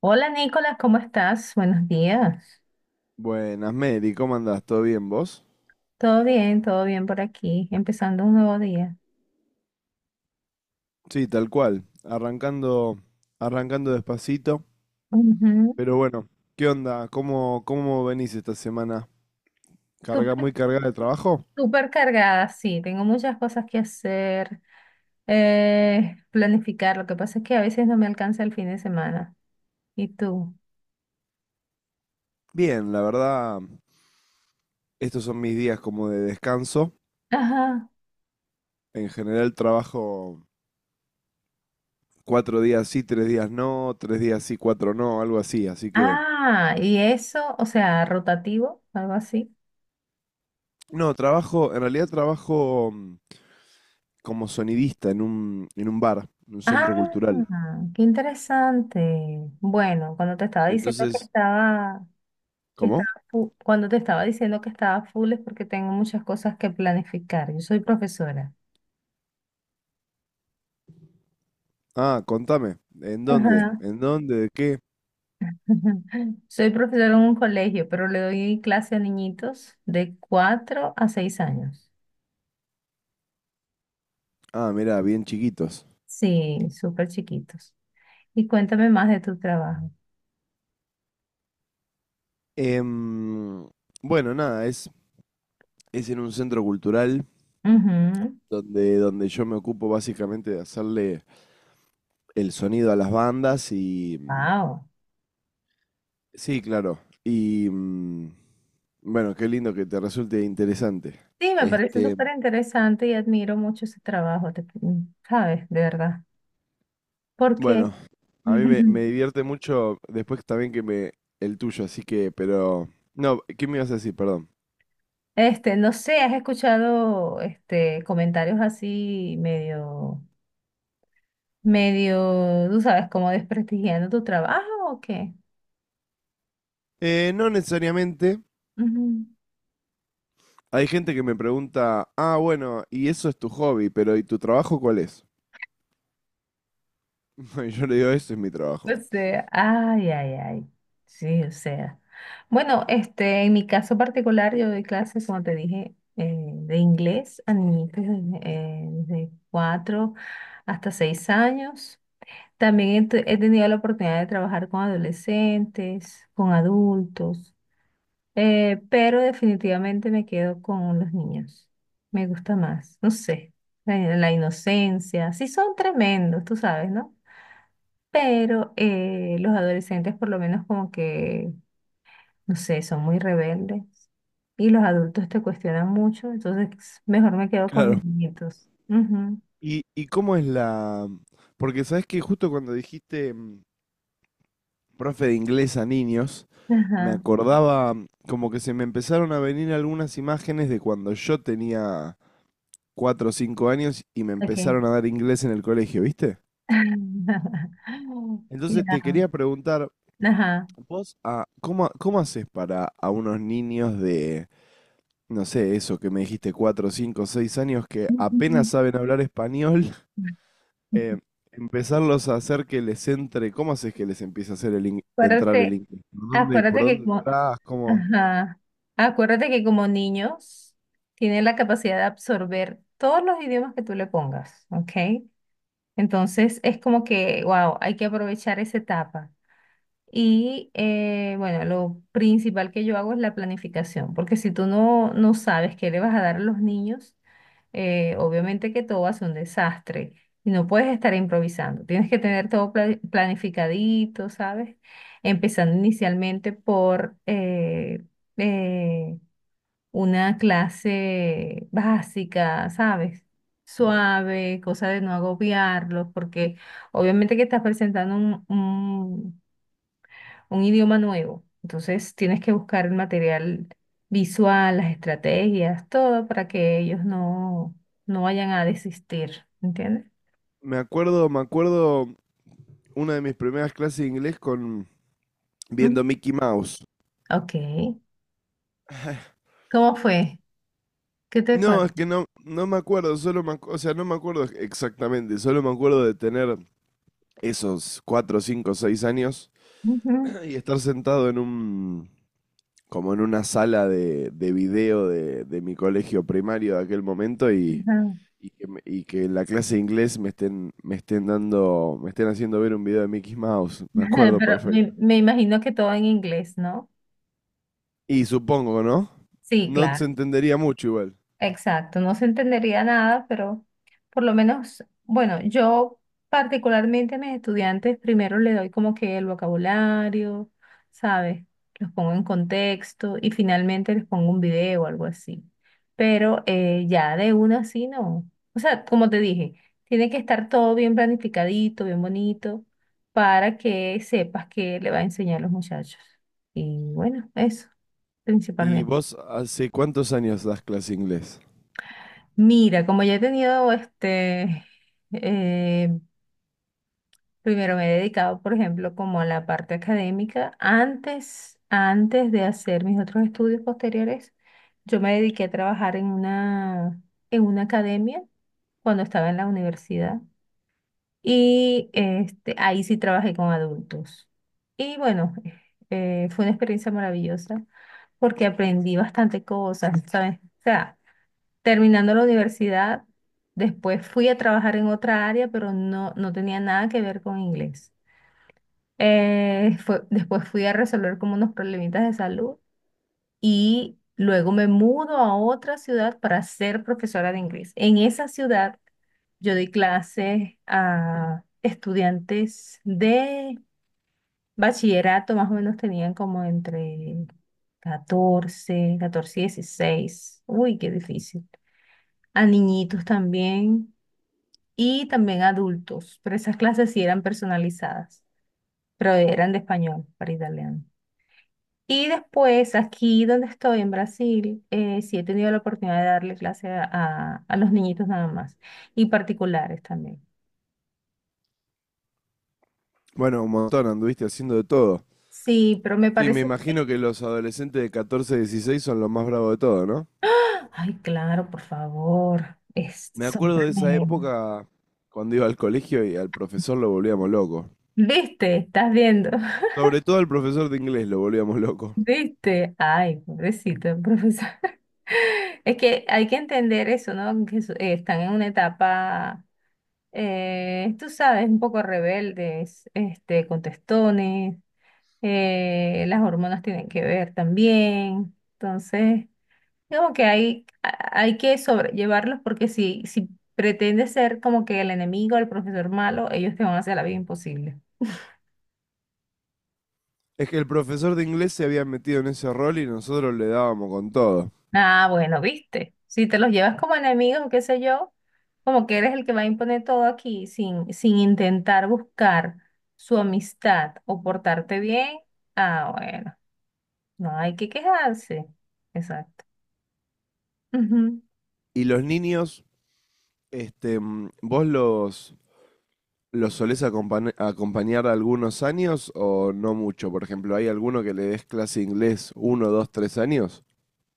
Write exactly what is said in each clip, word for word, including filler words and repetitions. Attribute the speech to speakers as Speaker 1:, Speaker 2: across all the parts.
Speaker 1: Hola Nicolás, ¿cómo estás? Buenos días.
Speaker 2: Buenas, Mary, ¿cómo andás? ¿Todo bien vos?
Speaker 1: Todo bien, todo bien por aquí, empezando un nuevo día.
Speaker 2: Sí, tal cual. Arrancando, arrancando despacito.
Speaker 1: Ujú.
Speaker 2: Pero bueno, ¿qué onda? ¿Cómo, cómo venís esta semana? ¿Carga
Speaker 1: Súper,
Speaker 2: muy cargada de trabajo?
Speaker 1: súper cargada, sí, tengo muchas cosas que hacer, eh, planificar. Lo que pasa es que a veces no me alcanza el fin de semana. ¿Y tú?
Speaker 2: Bien, la verdad, estos son mis días como de descanso.
Speaker 1: Ajá.
Speaker 2: En general trabajo cuatro días sí, tres días no, tres días sí, cuatro no, algo así. Así que,
Speaker 1: Ah, y eso, o sea, rotativo, algo así.
Speaker 2: no, trabajo, en realidad trabajo mm, como sonidista en un, en un bar, en un
Speaker 1: Ah,
Speaker 2: centro cultural.
Speaker 1: qué interesante. Bueno, cuando te estaba diciendo que
Speaker 2: Entonces,
Speaker 1: estaba que
Speaker 2: ¿cómo?
Speaker 1: estaba fu- Cuando te estaba diciendo que estaba full es porque tengo muchas cosas que planificar. Yo soy profesora.
Speaker 2: Ah, contame. ¿En dónde?
Speaker 1: Ajá.
Speaker 2: ¿En dónde? ¿De qué?
Speaker 1: Soy profesora en un colegio, pero le doy clase a niñitos de cuatro a seis años.
Speaker 2: Ah, mirá, bien chiquitos.
Speaker 1: Sí, súper chiquitos. Y cuéntame más de tu trabajo.
Speaker 2: Em, bueno, nada, es, es en un centro cultural
Speaker 1: Ujú.
Speaker 2: donde, donde yo me ocupo básicamente de hacerle el sonido a las bandas. y... mm,
Speaker 1: Wow.
Speaker 2: Sí, claro. Y... mm, Bueno, qué lindo que te resulte interesante.
Speaker 1: Sí, me parece
Speaker 2: Este,
Speaker 1: súper interesante y admiro mucho ese trabajo, te- mm, ¿sabes? De verdad. ¿Por qué?
Speaker 2: bueno, a mí me, me divierte mucho después también que me... el tuyo, así que, pero... No, ¿qué me ibas a decir? Perdón.
Speaker 1: Este, no sé, ¿has escuchado este comentarios así medio, medio, tú sabes, como desprestigiando tu trabajo o qué?
Speaker 2: Eh, no necesariamente.
Speaker 1: Ujú.
Speaker 2: Hay gente que me pregunta, ah, bueno, ¿y eso es tu hobby? Pero ¿y tu trabajo cuál es? Y yo le digo, ese es mi trabajo.
Speaker 1: O sea, ay, ay, ay. Sí, o sea. Bueno, este, en mi caso particular, yo doy clases, como te dije, eh, de inglés a niños de cuatro hasta seis años. También he, te- he tenido la oportunidad de trabajar con adolescentes, con adultos. Eh, pero definitivamente me quedo con los niños. Me gusta más, no sé, la, la inocencia. Sí son tremendos, tú sabes, ¿no? Pero eh, los adolescentes por lo menos como que, no sé, son muy rebeldes y los adultos te cuestionan mucho, entonces mejor me quedo con
Speaker 2: Claro.
Speaker 1: mis nietos. Ujú.
Speaker 2: ¿Y, y cómo es la...? Porque sabes que justo cuando dijiste mm, profe de inglés a niños, me
Speaker 1: Ajá,
Speaker 2: acordaba mm, como que se me empezaron a venir algunas imágenes de cuando yo tenía cuatro o cinco años y me
Speaker 1: ok.
Speaker 2: empezaron a dar inglés en el colegio, ¿viste? Entonces te
Speaker 1: Ya,
Speaker 2: quería preguntar,
Speaker 1: ajá.
Speaker 2: vos, ah, ¿cómo, cómo haces para a unos niños de no sé, eso que me dijiste, cuatro, cinco, seis años, que apenas saben hablar español, eh, empezarlos a hacer que les entre, ¿cómo haces que les empiece a hacer el ing- entrar el
Speaker 1: Acuérdate,
Speaker 2: inglés? ¿Por dónde, por
Speaker 1: acuérdate que
Speaker 2: dónde
Speaker 1: como
Speaker 2: entras? ¿Cómo?
Speaker 1: ajá. Acuérdate que como niños tienen la capacidad de absorber todos los idiomas que tú le pongas, ¿ok? Entonces es como que, wow, hay que aprovechar esa etapa. Y eh, bueno, lo principal que yo hago es la planificación, porque si tú no, no sabes qué le vas a dar a los niños, eh, obviamente que todo va a ser un desastre y no puedes estar improvisando. Tienes que tener todo pla- planificadito, ¿sabes? Empezando inicialmente por eh, eh, una clase básica, ¿sabes? Suave, cosa de no agobiarlos, porque obviamente que estás presentando un idioma nuevo. Entonces tienes que buscar el material visual, las estrategias, todo para que ellos no, no vayan a desistir, ¿entiendes?
Speaker 2: Me acuerdo, me acuerdo una de mis primeras clases de inglés con
Speaker 1: Ujú.
Speaker 2: viendo Mickey Mouse.
Speaker 1: Ok. ¿Cómo fue? ¿Qué te
Speaker 2: No,
Speaker 1: acuerdas?
Speaker 2: es que no, no me acuerdo, solo me, ac- o sea, no me acuerdo exactamente, solo me acuerdo de tener esos cuatro, cinco, seis años
Speaker 1: Ujú,
Speaker 2: y estar sentado en un como en una sala de, de video de, de mi colegio primario de aquel momento y,
Speaker 1: ajá.
Speaker 2: y, que, me- y que en la clase de inglés me estén, me estén dando, me estén haciendo ver un video de Mickey Mouse. Me acuerdo
Speaker 1: Pero
Speaker 2: perfecto.
Speaker 1: me, me imagino que todo en inglés, ¿no?
Speaker 2: Y supongo, ¿no?
Speaker 1: Sí,
Speaker 2: No se
Speaker 1: claro.
Speaker 2: entendería mucho igual.
Speaker 1: Exacto, no se entendería nada, pero por lo menos, bueno, yo particularmente a mis estudiantes primero le doy como que el vocabulario, ¿sabes? Los pongo en contexto y finalmente les pongo un video o algo así. Pero eh, ya de una así no. O sea, como te dije, tiene que estar todo bien planificadito, bien bonito, para que sepas qué le va a enseñar a los muchachos. Y bueno, eso,
Speaker 2: ¿Y
Speaker 1: principalmente.
Speaker 2: vos hace cuántos años das clase de inglés?
Speaker 1: Mira, como ya he tenido este, eh, primero me he dedicado, por ejemplo, como a la parte académica. Antes, antes de hacer mis otros estudios posteriores, yo me dediqué a trabajar en una, en una academia cuando estaba en la universidad. Y este, ahí sí trabajé con adultos. Y bueno, eh, fue una experiencia maravillosa porque aprendí bastante cosas, ¿sabes? O sea, terminando la universidad, después fui a trabajar en otra área, pero no, no tenía nada que ver con inglés. Eh, fue- después fui a resolver como unos problemitas de salud y luego me mudo a otra ciudad para ser profesora de inglés. En esa ciudad yo di clases a estudiantes de bachillerato, más o menos tenían como entre catorce, catorce y dieciséis. Uy, qué difícil. A niñitos también, y también adultos, pero esas clases sí eran personalizadas, pero eran de español para italiano. Y después, aquí donde estoy, en Brasil, eh, sí he tenido la oportunidad de darle clase a, a- a los niñitos nada más y particulares también.
Speaker 2: Bueno, un montón, anduviste haciendo de todo.
Speaker 1: Sí, pero me
Speaker 2: Sí, me
Speaker 1: parece...
Speaker 2: imagino que los adolescentes de catorce dieciséis son los más bravos de todo, ¿no?
Speaker 1: Ay, claro, por favor, es,
Speaker 2: Me
Speaker 1: son
Speaker 2: acuerdo de esa
Speaker 1: tremendos.
Speaker 2: época cuando iba al colegio y al profesor lo volvíamos loco.
Speaker 1: ¿Viste? ¿Estás viendo?
Speaker 2: Sobre todo el profesor de inglés lo volvíamos loco.
Speaker 1: ¿Viste? Ay, pobrecito el profesor. Es que hay que entender eso, ¿no? Que su- eh, están en una etapa eh, tú sabes, un poco rebeldes, este, contestones, eh, las hormonas tienen que ver también. Entonces, digamos que hay, a- hay que sobrellevarlos porque si, si pretendes ser como que el enemigo, el profesor malo, ellos te van a hacer la vida imposible.
Speaker 2: Es que el profesor de inglés se había metido en ese rol y nosotros le dábamos con todo.
Speaker 1: Ah, bueno, viste, si te los llevas como enemigos o qué sé yo, como que eres el que va a imponer todo aquí sin, sin intentar buscar su amistad o portarte bien, ah, bueno. No hay que quejarse. Exacto. Ujú.
Speaker 2: Y los niños, este, mm, ¿vos los, los solés acompañ- acompañar algunos años o no mucho? Por ejemplo, ¿hay alguno que le des clase de inglés uno, dos, tres años?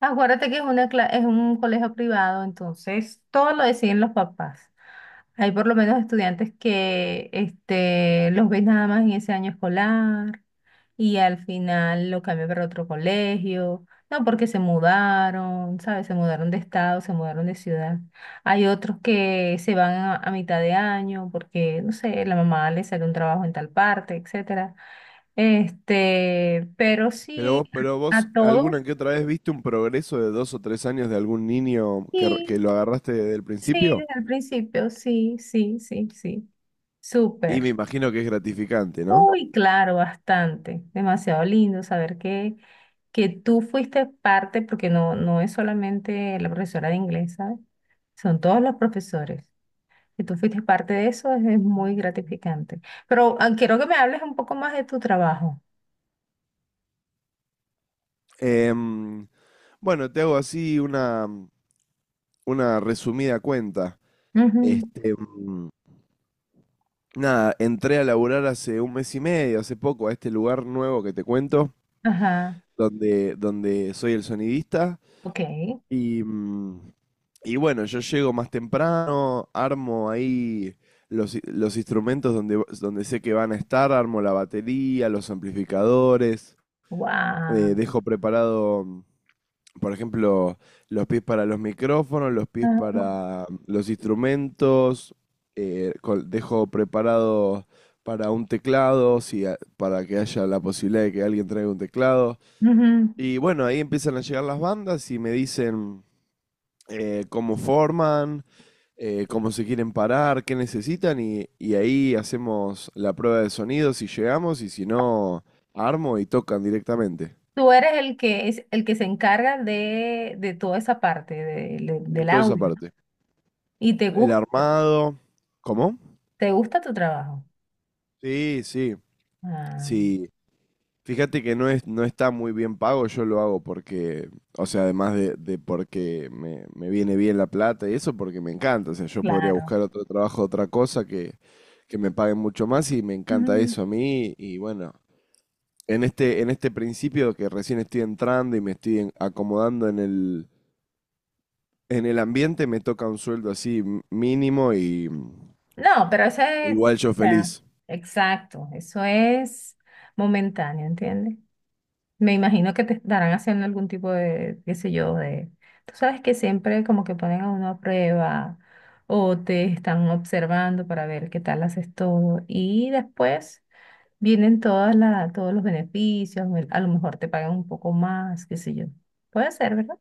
Speaker 1: Acuérdate que es una, cla- es un colegio privado, entonces todo lo deciden los papás. Hay por lo menos estudiantes que este, los ves nada más en ese año escolar y al final lo cambian para otro colegio. No, porque se mudaron, ¿sabes? Se mudaron de estado, se mudaron de ciudad. Hay otros que se van a, a mitad de año porque, no sé, la mamá le sale un trabajo en tal parte, etcétera. Este, pero
Speaker 2: Pero
Speaker 1: sí,
Speaker 2: vos, pero
Speaker 1: a,
Speaker 2: vos
Speaker 1: a todos,
Speaker 2: alguna que otra vez viste un progreso de dos o tres años de algún niño que, r- que
Speaker 1: sí,
Speaker 2: lo agarraste desde el
Speaker 1: sí,
Speaker 2: principio?
Speaker 1: desde el principio, sí, sí, sí, sí.
Speaker 2: Y me
Speaker 1: Súper.
Speaker 2: imagino que es gratificante, ¿no?
Speaker 1: Uy, claro, bastante. Demasiado lindo saber que, que tú fuiste parte, porque no, no es solamente la profesora de inglés, ¿sabes? Son todos los profesores. Y tú fuiste parte de eso, es, es muy gratificante. Pero ah, quiero que me hables un poco más de tu trabajo.
Speaker 2: Em, bueno, te hago así una, una resumida cuenta.
Speaker 1: Ujú,
Speaker 2: Este, nada, entré a laburar hace un mes y medio, hace poco, a este lugar nuevo que te cuento,
Speaker 1: ajá.
Speaker 2: donde, donde soy el sonidista.
Speaker 1: Ok.
Speaker 2: Y, mm, y bueno, yo llego más temprano, armo ahí los, i- los instrumentos donde, donde sé que van a estar, armo la batería, los amplificadores, eh,
Speaker 1: Wow.
Speaker 2: dejo preparado por ejemplo, los pies para los micrófonos, los pies para mm, los instrumentos, eh, col- dejo preparado para un teclado, si a- para que haya la posibilidad de que alguien traiga un teclado. Y bueno, ahí empiezan a llegar las bandas y me dicen eh, cómo forman, eh, cómo se quieren parar, qué necesitan y, y ahí hacemos la prueba de sonido si llegamos y si no, armo y tocan directamente.
Speaker 1: Tú eres el que es el que se encarga de, de toda esa parte de- de-
Speaker 2: De
Speaker 1: del
Speaker 2: toda esa
Speaker 1: aula, ¿no?
Speaker 2: parte.
Speaker 1: Y te
Speaker 2: El
Speaker 1: gusta,
Speaker 2: armado. ¿Cómo?
Speaker 1: te gusta tu trabajo.
Speaker 2: Sí, sí,
Speaker 1: Ah,
Speaker 2: sí. Fíjate que no es, no está muy bien pago, yo lo hago porque, o sea, además de, de porque me, me viene bien la plata y eso, porque me encanta. O sea, yo podría
Speaker 1: claro.
Speaker 2: buscar otro trabajo, otra cosa que, que me paguen mucho más y me encanta
Speaker 1: Ujú.
Speaker 2: eso a mí. Y bueno, en este, en este principio que recién estoy entrando y me estoy en- acomodando en el, en el ambiente, me toca un sueldo así m- mínimo y mm,
Speaker 1: No, pero ese es,
Speaker 2: igual
Speaker 1: o
Speaker 2: yo
Speaker 1: sea,
Speaker 2: feliz.
Speaker 1: exacto, eso es momentáneo, ¿entiendes? Me imagino que te estarán haciendo algún tipo de, qué sé yo, de, tú sabes que siempre como que ponen a uno a prueba o te están observando para ver qué tal haces todo y después. Vienen todas la, todos los beneficios, me- a lo mejor te pagan un poco más, qué sé yo. Puede ser, ¿verdad?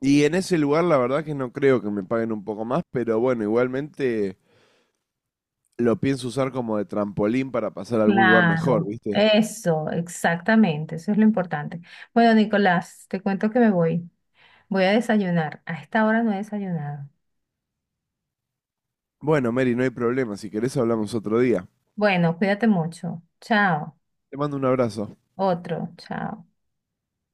Speaker 2: Y en ese lugar la verdad que no creo que me paguen un poco más, pero bueno, igualmente lo pienso usar como de trampolín para pasar a algún lugar mejor,
Speaker 1: Claro,
Speaker 2: ¿viste?
Speaker 1: eso, exactamente, eso es lo importante. Bueno, Nicolás, te cuento que me voy. Voy a desayunar. A esta hora no he desayunado.
Speaker 2: Bueno, Mary, no hay problema, si querés hablamos otro día.
Speaker 1: Bueno, cuídate mucho. Chao.
Speaker 2: Te mando un abrazo.
Speaker 1: Otro, chao.